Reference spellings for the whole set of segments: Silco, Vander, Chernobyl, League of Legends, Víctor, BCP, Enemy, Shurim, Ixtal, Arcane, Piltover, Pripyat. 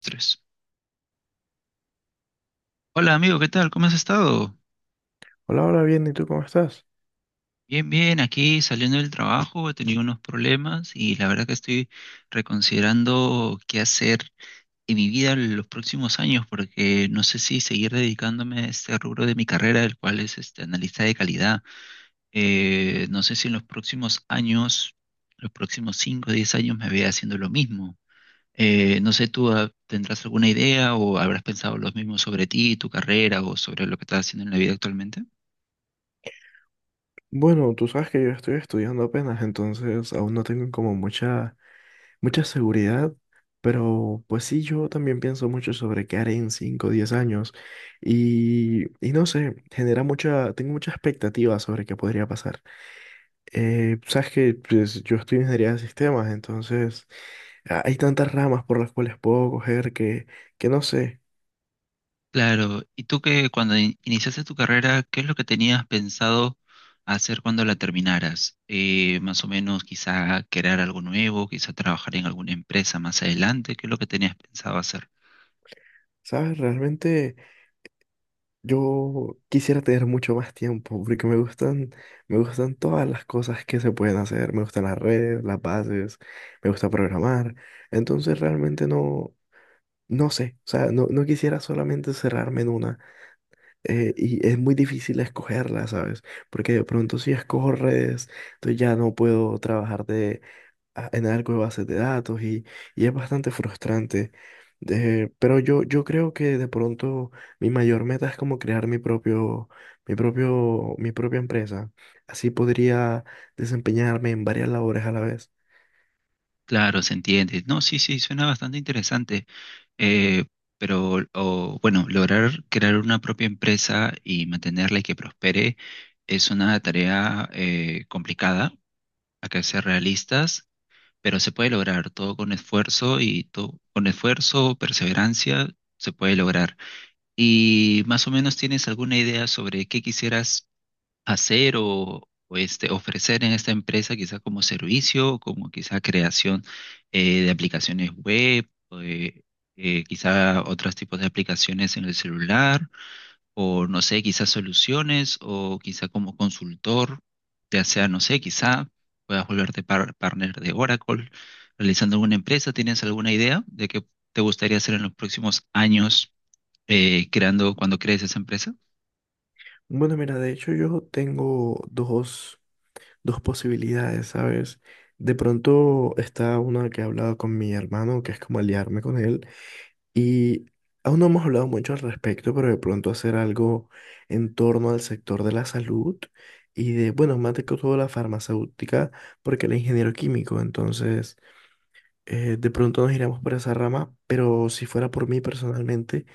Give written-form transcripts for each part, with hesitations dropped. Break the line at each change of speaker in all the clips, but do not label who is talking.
Tres. Hola amigo, ¿qué tal? ¿Cómo has estado?
Hola, hola, bien, ¿y tú cómo estás?
Bien, bien, aquí saliendo del trabajo, he tenido unos problemas y la verdad que estoy reconsiderando qué hacer en mi vida en los próximos años, porque no sé si seguir dedicándome a este rubro de mi carrera, el cual es este analista de calidad. No sé si en los próximos años, los próximos 5 o 10 años me vea haciendo lo mismo. No sé, ¿tú tendrás alguna idea o habrás pensado lo mismo sobre ti, tu carrera, o sobre lo que estás haciendo en la vida actualmente?
Bueno, tú sabes que yo estoy estudiando apenas, entonces aún no tengo como mucha, seguridad, pero pues sí, yo también pienso mucho sobre qué haré en 5, o 10 años y no sé, genera mucha, tengo mucha expectativa sobre qué podría pasar. Sabes que pues, yo estudio ingeniería de sistemas, entonces hay tantas ramas por las cuales puedo coger que no sé,
Claro, ¿y tú, que cuando iniciaste tu carrera, qué es lo que tenías pensado hacer cuando la terminaras? Más o menos, quizá crear algo nuevo, quizá trabajar en alguna empresa más adelante. ¿Qué es lo que tenías pensado hacer?
¿sabes? Realmente, yo quisiera tener mucho más tiempo porque me gustan todas las cosas que se pueden hacer. Me gustan las redes, las bases, me gusta programar. Entonces realmente no, no sé. O sea, no, no quisiera solamente cerrarme en una. Y es muy difícil escogerla, ¿sabes? Porque de pronto si escojo redes, entonces ya no puedo trabajar de en algo de bases de datos y es bastante frustrante. Pero yo creo que de pronto mi mayor meta es como crear mi propio, mi propia empresa. Así podría desempeñarme en varias labores a la vez.
Claro, se entiende. No, sí, sí, suena bastante interesante. Eh, pero, o, bueno, lograr crear una propia empresa y mantenerla y que prospere es una tarea complicada. Hay que ser realistas, pero se puede lograr todo con esfuerzo, y todo con esfuerzo, perseverancia, se puede lograr. ¿Y más o menos tienes alguna idea sobre qué quisieras hacer, o, este, ofrecer en esta empresa? Quizá como servicio, como quizá creación de aplicaciones web, eh, quizá otros tipos de aplicaciones en el celular, o no sé, quizás soluciones, o quizá como consultor, ya sea, no sé, quizá puedas volverte partner de Oracle, realizando alguna empresa. ¿Tienes alguna idea de qué te gustaría hacer en los próximos años, creando, cuando crees esa empresa?
Bueno, mira, de hecho yo tengo dos, dos posibilidades, ¿sabes? De pronto está una que he hablado con mi hermano, que es como aliarme con él. Y aún no hemos hablado mucho al respecto, pero de pronto hacer algo en torno al sector de la salud y de, bueno, más de que todo la farmacéutica, porque el ingeniero químico, entonces de pronto nos iremos por esa rama, pero si fuera por mí personalmente.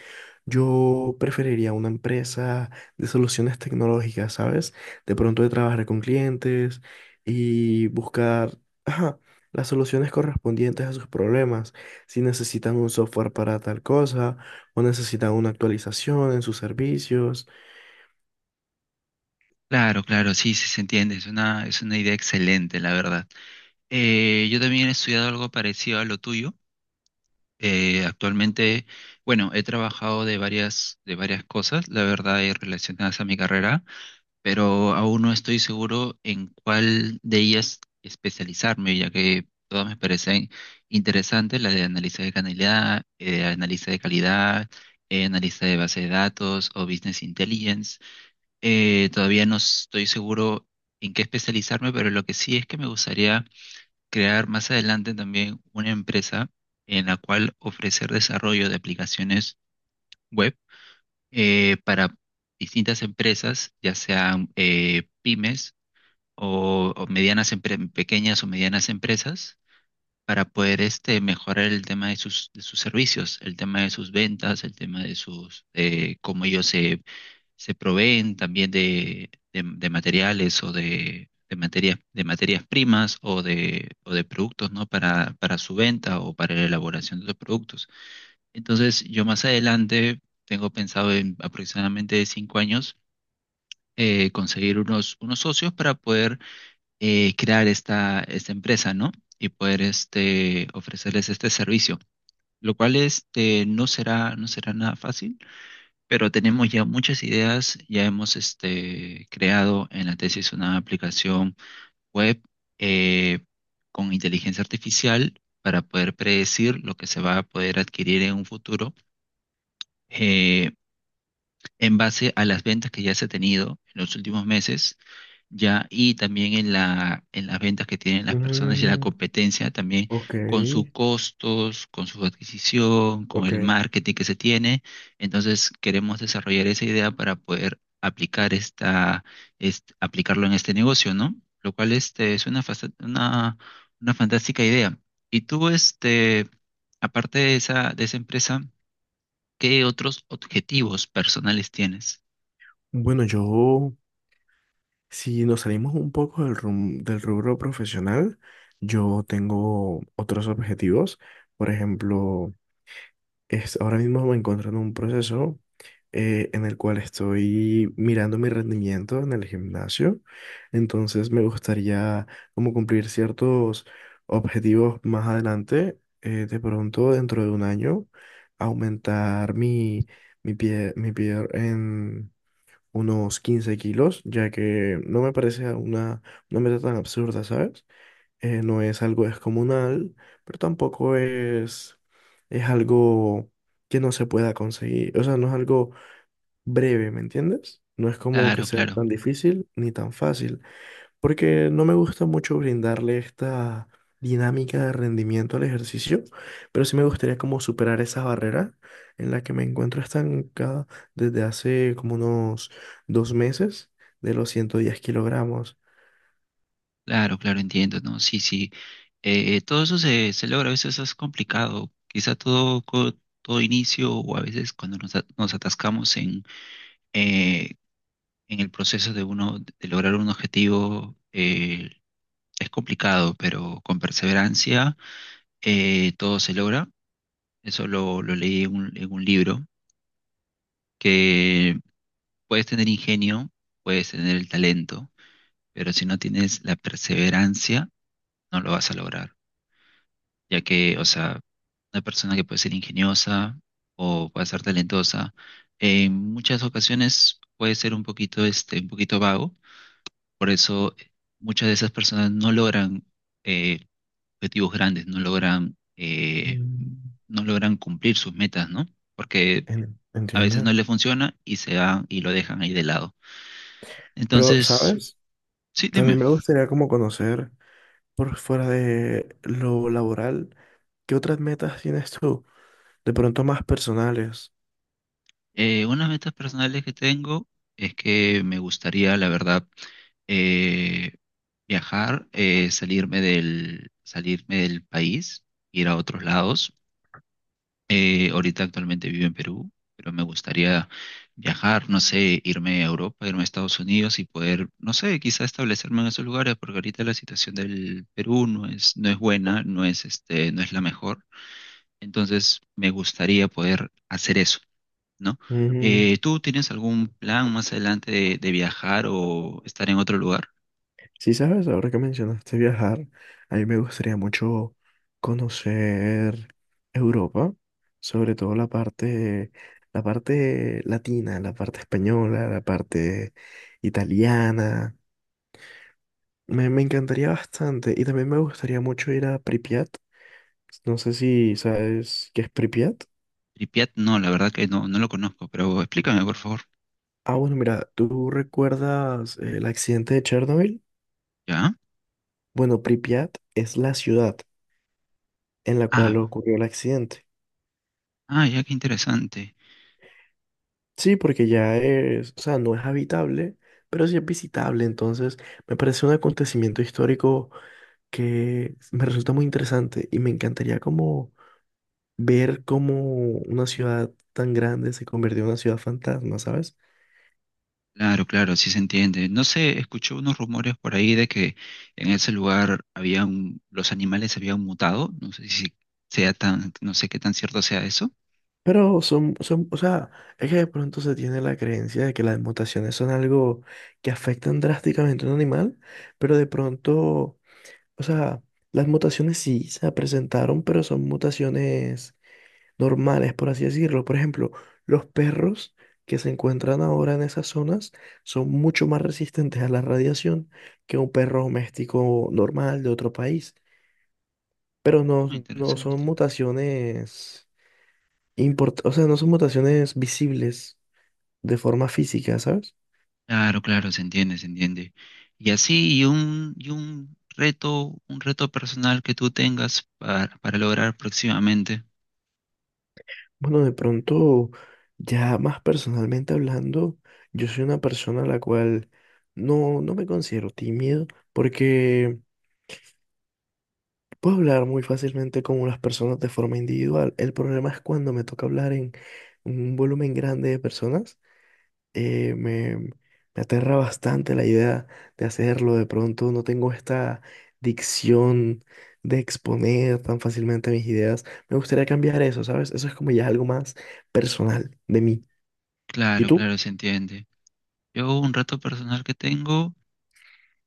Yo preferiría una empresa de soluciones tecnológicas, ¿sabes? De pronto de trabajar con clientes y buscar, ajá, las soluciones correspondientes a sus problemas. Si necesitan un software para tal cosa o necesitan una actualización en sus servicios.
Claro, claro, sí, sí se entiende. Es una, es una idea excelente, la verdad. Yo también he estudiado algo parecido a lo tuyo. Actualmente, bueno, he trabajado de varias cosas, la verdad, y relacionadas a mi carrera. Pero aún no estoy seguro en cuál de ellas especializarme, ya que todas me parecen interesantes: la de análisis de calidad, análisis de base de datos o business intelligence. Todavía no estoy seguro en qué especializarme, pero lo que sí es que me gustaría crear más adelante también una empresa en la cual ofrecer desarrollo de aplicaciones web para distintas empresas, ya sean pymes, o medianas pequeñas o medianas empresas, para poder, este, mejorar el tema de sus servicios, el tema de sus ventas, el tema de sus, cómo ellos se, se proveen también de, de materiales, o de, de materias primas, o de productos, ¿no? Para su venta, o para la elaboración de los productos. Entonces, yo más adelante tengo pensado, en aproximadamente 5 años, conseguir unos socios para poder crear esta empresa, ¿no? Y poder, este, ofrecerles este servicio, lo cual, este, no será, no será nada fácil, pero tenemos ya muchas ideas. Ya hemos, este, creado en la tesis una aplicación web eh, con inteligencia artificial para poder predecir lo que se va a poder adquirir en un futuro, eh, en base a las ventas que ya se ha tenido en los últimos meses, ya, y también en la, en las ventas que tienen las personas y la
Mm,
competencia, también
ok,
con sus costos, con su adquisición, con
ok.
el marketing que se tiene. Entonces, queremos desarrollar esa idea para poder aplicar aplicarlo en este negocio, ¿no? Lo cual, este, es una fantástica idea. Y tú, este, aparte de esa empresa, ¿qué otros objetivos personales tienes?
Bueno, yo, si nos salimos un poco del, del rubro profesional, yo tengo otros objetivos. Por ejemplo, es, ahora mismo me encuentro en un proceso en el cual estoy mirando mi rendimiento en el gimnasio. Entonces me gustaría como cumplir ciertos objetivos más adelante. De pronto, dentro de un año, aumentar mi, mi pie en unos 15 kilos, ya que no me parece una meta tan absurda, ¿sabes? No es algo descomunal, pero tampoco es, es algo que no se pueda conseguir. O sea, no es algo breve, ¿me entiendes? No es como que
Claro,
sea
claro.
tan difícil ni tan fácil, porque no me gusta mucho brindarle esta dinámica de rendimiento al ejercicio, pero sí me gustaría como superar esa barrera en la que me encuentro estancada desde hace como unos 2 meses de los 110 kilogramos.
Claro, claro, entiendo, ¿no? Sí, sí. Todo eso se logra, a veces es complicado. Quizá todo, todo inicio, o a veces cuando nos atascamos eh, en el proceso de uno, de lograr un objetivo, es complicado, pero con perseverancia todo se logra. Eso lo leí en un libro: que puedes tener ingenio, puedes tener el talento, pero si no tienes la perseverancia, no lo vas a lograr. Ya que, o sea, una persona que puede ser ingeniosa o puede ser talentosa, en muchas ocasiones puede ser un poquito, este, un poquito vago, por eso muchas de esas personas no logran eh, objetivos grandes, no logran,
Mm,
no logran cumplir sus metas, ¿no? Porque a veces
entiendo.
no les funciona y se van y lo dejan ahí de lado.
Pero,
Entonces,
¿sabes?
sí, dime.
También me gustaría como conocer por fuera de lo laboral, ¿qué otras metas tienes tú? De pronto más personales.
Unas metas personales que tengo es que me gustaría, la verdad, eh, viajar, salirme del país, ir a otros lados. Ahorita actualmente vivo en Perú, pero me gustaría viajar, no sé, irme a Europa, irme a Estados Unidos, y poder, no sé, quizá establecerme en esos lugares, porque ahorita la situación del Perú no es buena, no es este, no es la mejor. Entonces me gustaría poder hacer eso, ¿no?
Mm,
¿Tú tienes algún plan más adelante de viajar o estar en otro lugar?
sí, sabes, ahora que mencionaste viajar, a mí me gustaría mucho conocer Europa, sobre todo la parte latina, la parte española, la parte italiana. Me encantaría bastante y también me gustaría mucho ir a Pripyat. No sé si sabes qué es Pripyat.
Pripyat, no, la verdad que no, no lo conozco, pero explícame, por favor.
Ah, bueno, mira, ¿tú recuerdas el accidente de Chernobyl?
¿Ya?
Bueno, Pripyat es la ciudad en la cual
Ah,
ocurrió el accidente.
ah, ya, qué interesante.
Sí, porque ya es, o sea, no es habitable, pero sí es visitable. Entonces, me parece un acontecimiento histórico que me resulta muy interesante y me encantaría como ver cómo una ciudad tan grande se convirtió en una ciudad fantasma, ¿sabes?
Claro, claro, sí se entiende. No sé, escuché unos rumores por ahí de que en ese lugar los animales habían mutado. No sé si sea tan, no sé qué tan cierto sea eso.
Pero son, o sea, es que de pronto se tiene la creencia de que las mutaciones son algo que afectan drásticamente a un animal, pero de pronto, o sea, las mutaciones sí se presentaron, pero son mutaciones normales, por así decirlo. Por ejemplo, los perros que se encuentran ahora en esas zonas son mucho más resistentes a la radiación que un perro doméstico normal de otro país, pero no,
Oh,
no son
interesante.
mutaciones o sea, no son mutaciones visibles de forma física, ¿sabes?
Claro, claro, se entiende, se entiende. Y así, un reto personal que tú tengas para lograr próximamente.
Bueno, de pronto, ya más personalmente hablando, yo soy una persona a la cual no, no me considero tímido porque puedo hablar muy fácilmente con las personas de forma individual. El problema es cuando me toca hablar en un volumen grande de personas. Me aterra bastante la idea de hacerlo. De pronto no tengo esta dicción de exponer tan fácilmente mis ideas. Me gustaría cambiar eso, ¿sabes? Eso es como ya algo más personal de mí. ¿Y
Claro,
tú?
claro, se entiende. Yo, un reto personal que tengo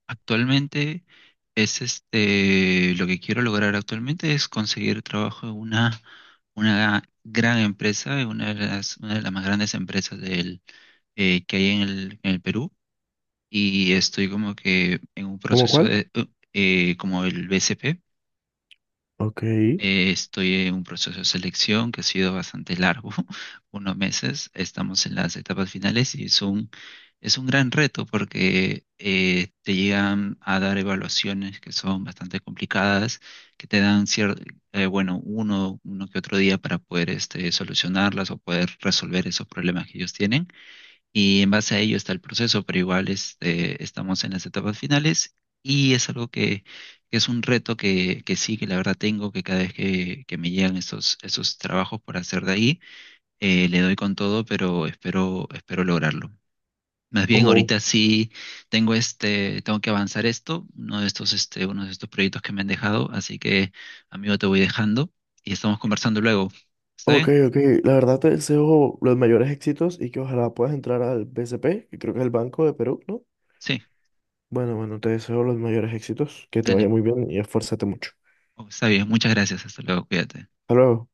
actualmente es este: lo que quiero lograr actualmente es conseguir trabajo en una gran empresa, en una de las más grandes empresas del, que hay en el Perú. Y estoy como que en un
¿Cómo
proceso
cuál?
como el BCP.
Ok.
Estoy en un proceso de selección que ha sido bastante largo, unos meses. Estamos en las etapas finales y es un gran reto, porque te llegan a dar evaluaciones que son bastante complicadas, que te dan cierto, bueno, uno que otro día para poder, este, solucionarlas o poder resolver esos problemas que ellos tienen. Y en base a ello está el proceso, pero igual, este, estamos en las etapas finales, y es algo que es un reto que sí, que la verdad tengo. Que cada vez que me llegan estos, esos trabajos por hacer de ahí, le doy con todo, pero espero, espero lograrlo. Más bien,
Oh,
ahorita sí tengo, este, tengo que avanzar esto, uno de estos proyectos que me han dejado. Así que, amigo, te voy dejando y estamos conversando luego. ¿Está
ok,
bien?
ok. La verdad te deseo los mayores éxitos y que ojalá puedas entrar al BCP, que creo que es el Banco de Perú, ¿no?
Sí,
Bueno, bueno, te deseo los mayores éxitos, que te vaya
dale.
muy bien y esfuérzate mucho.
Oh, está bien, muchas gracias, hasta luego, cuídate.
Hasta luego.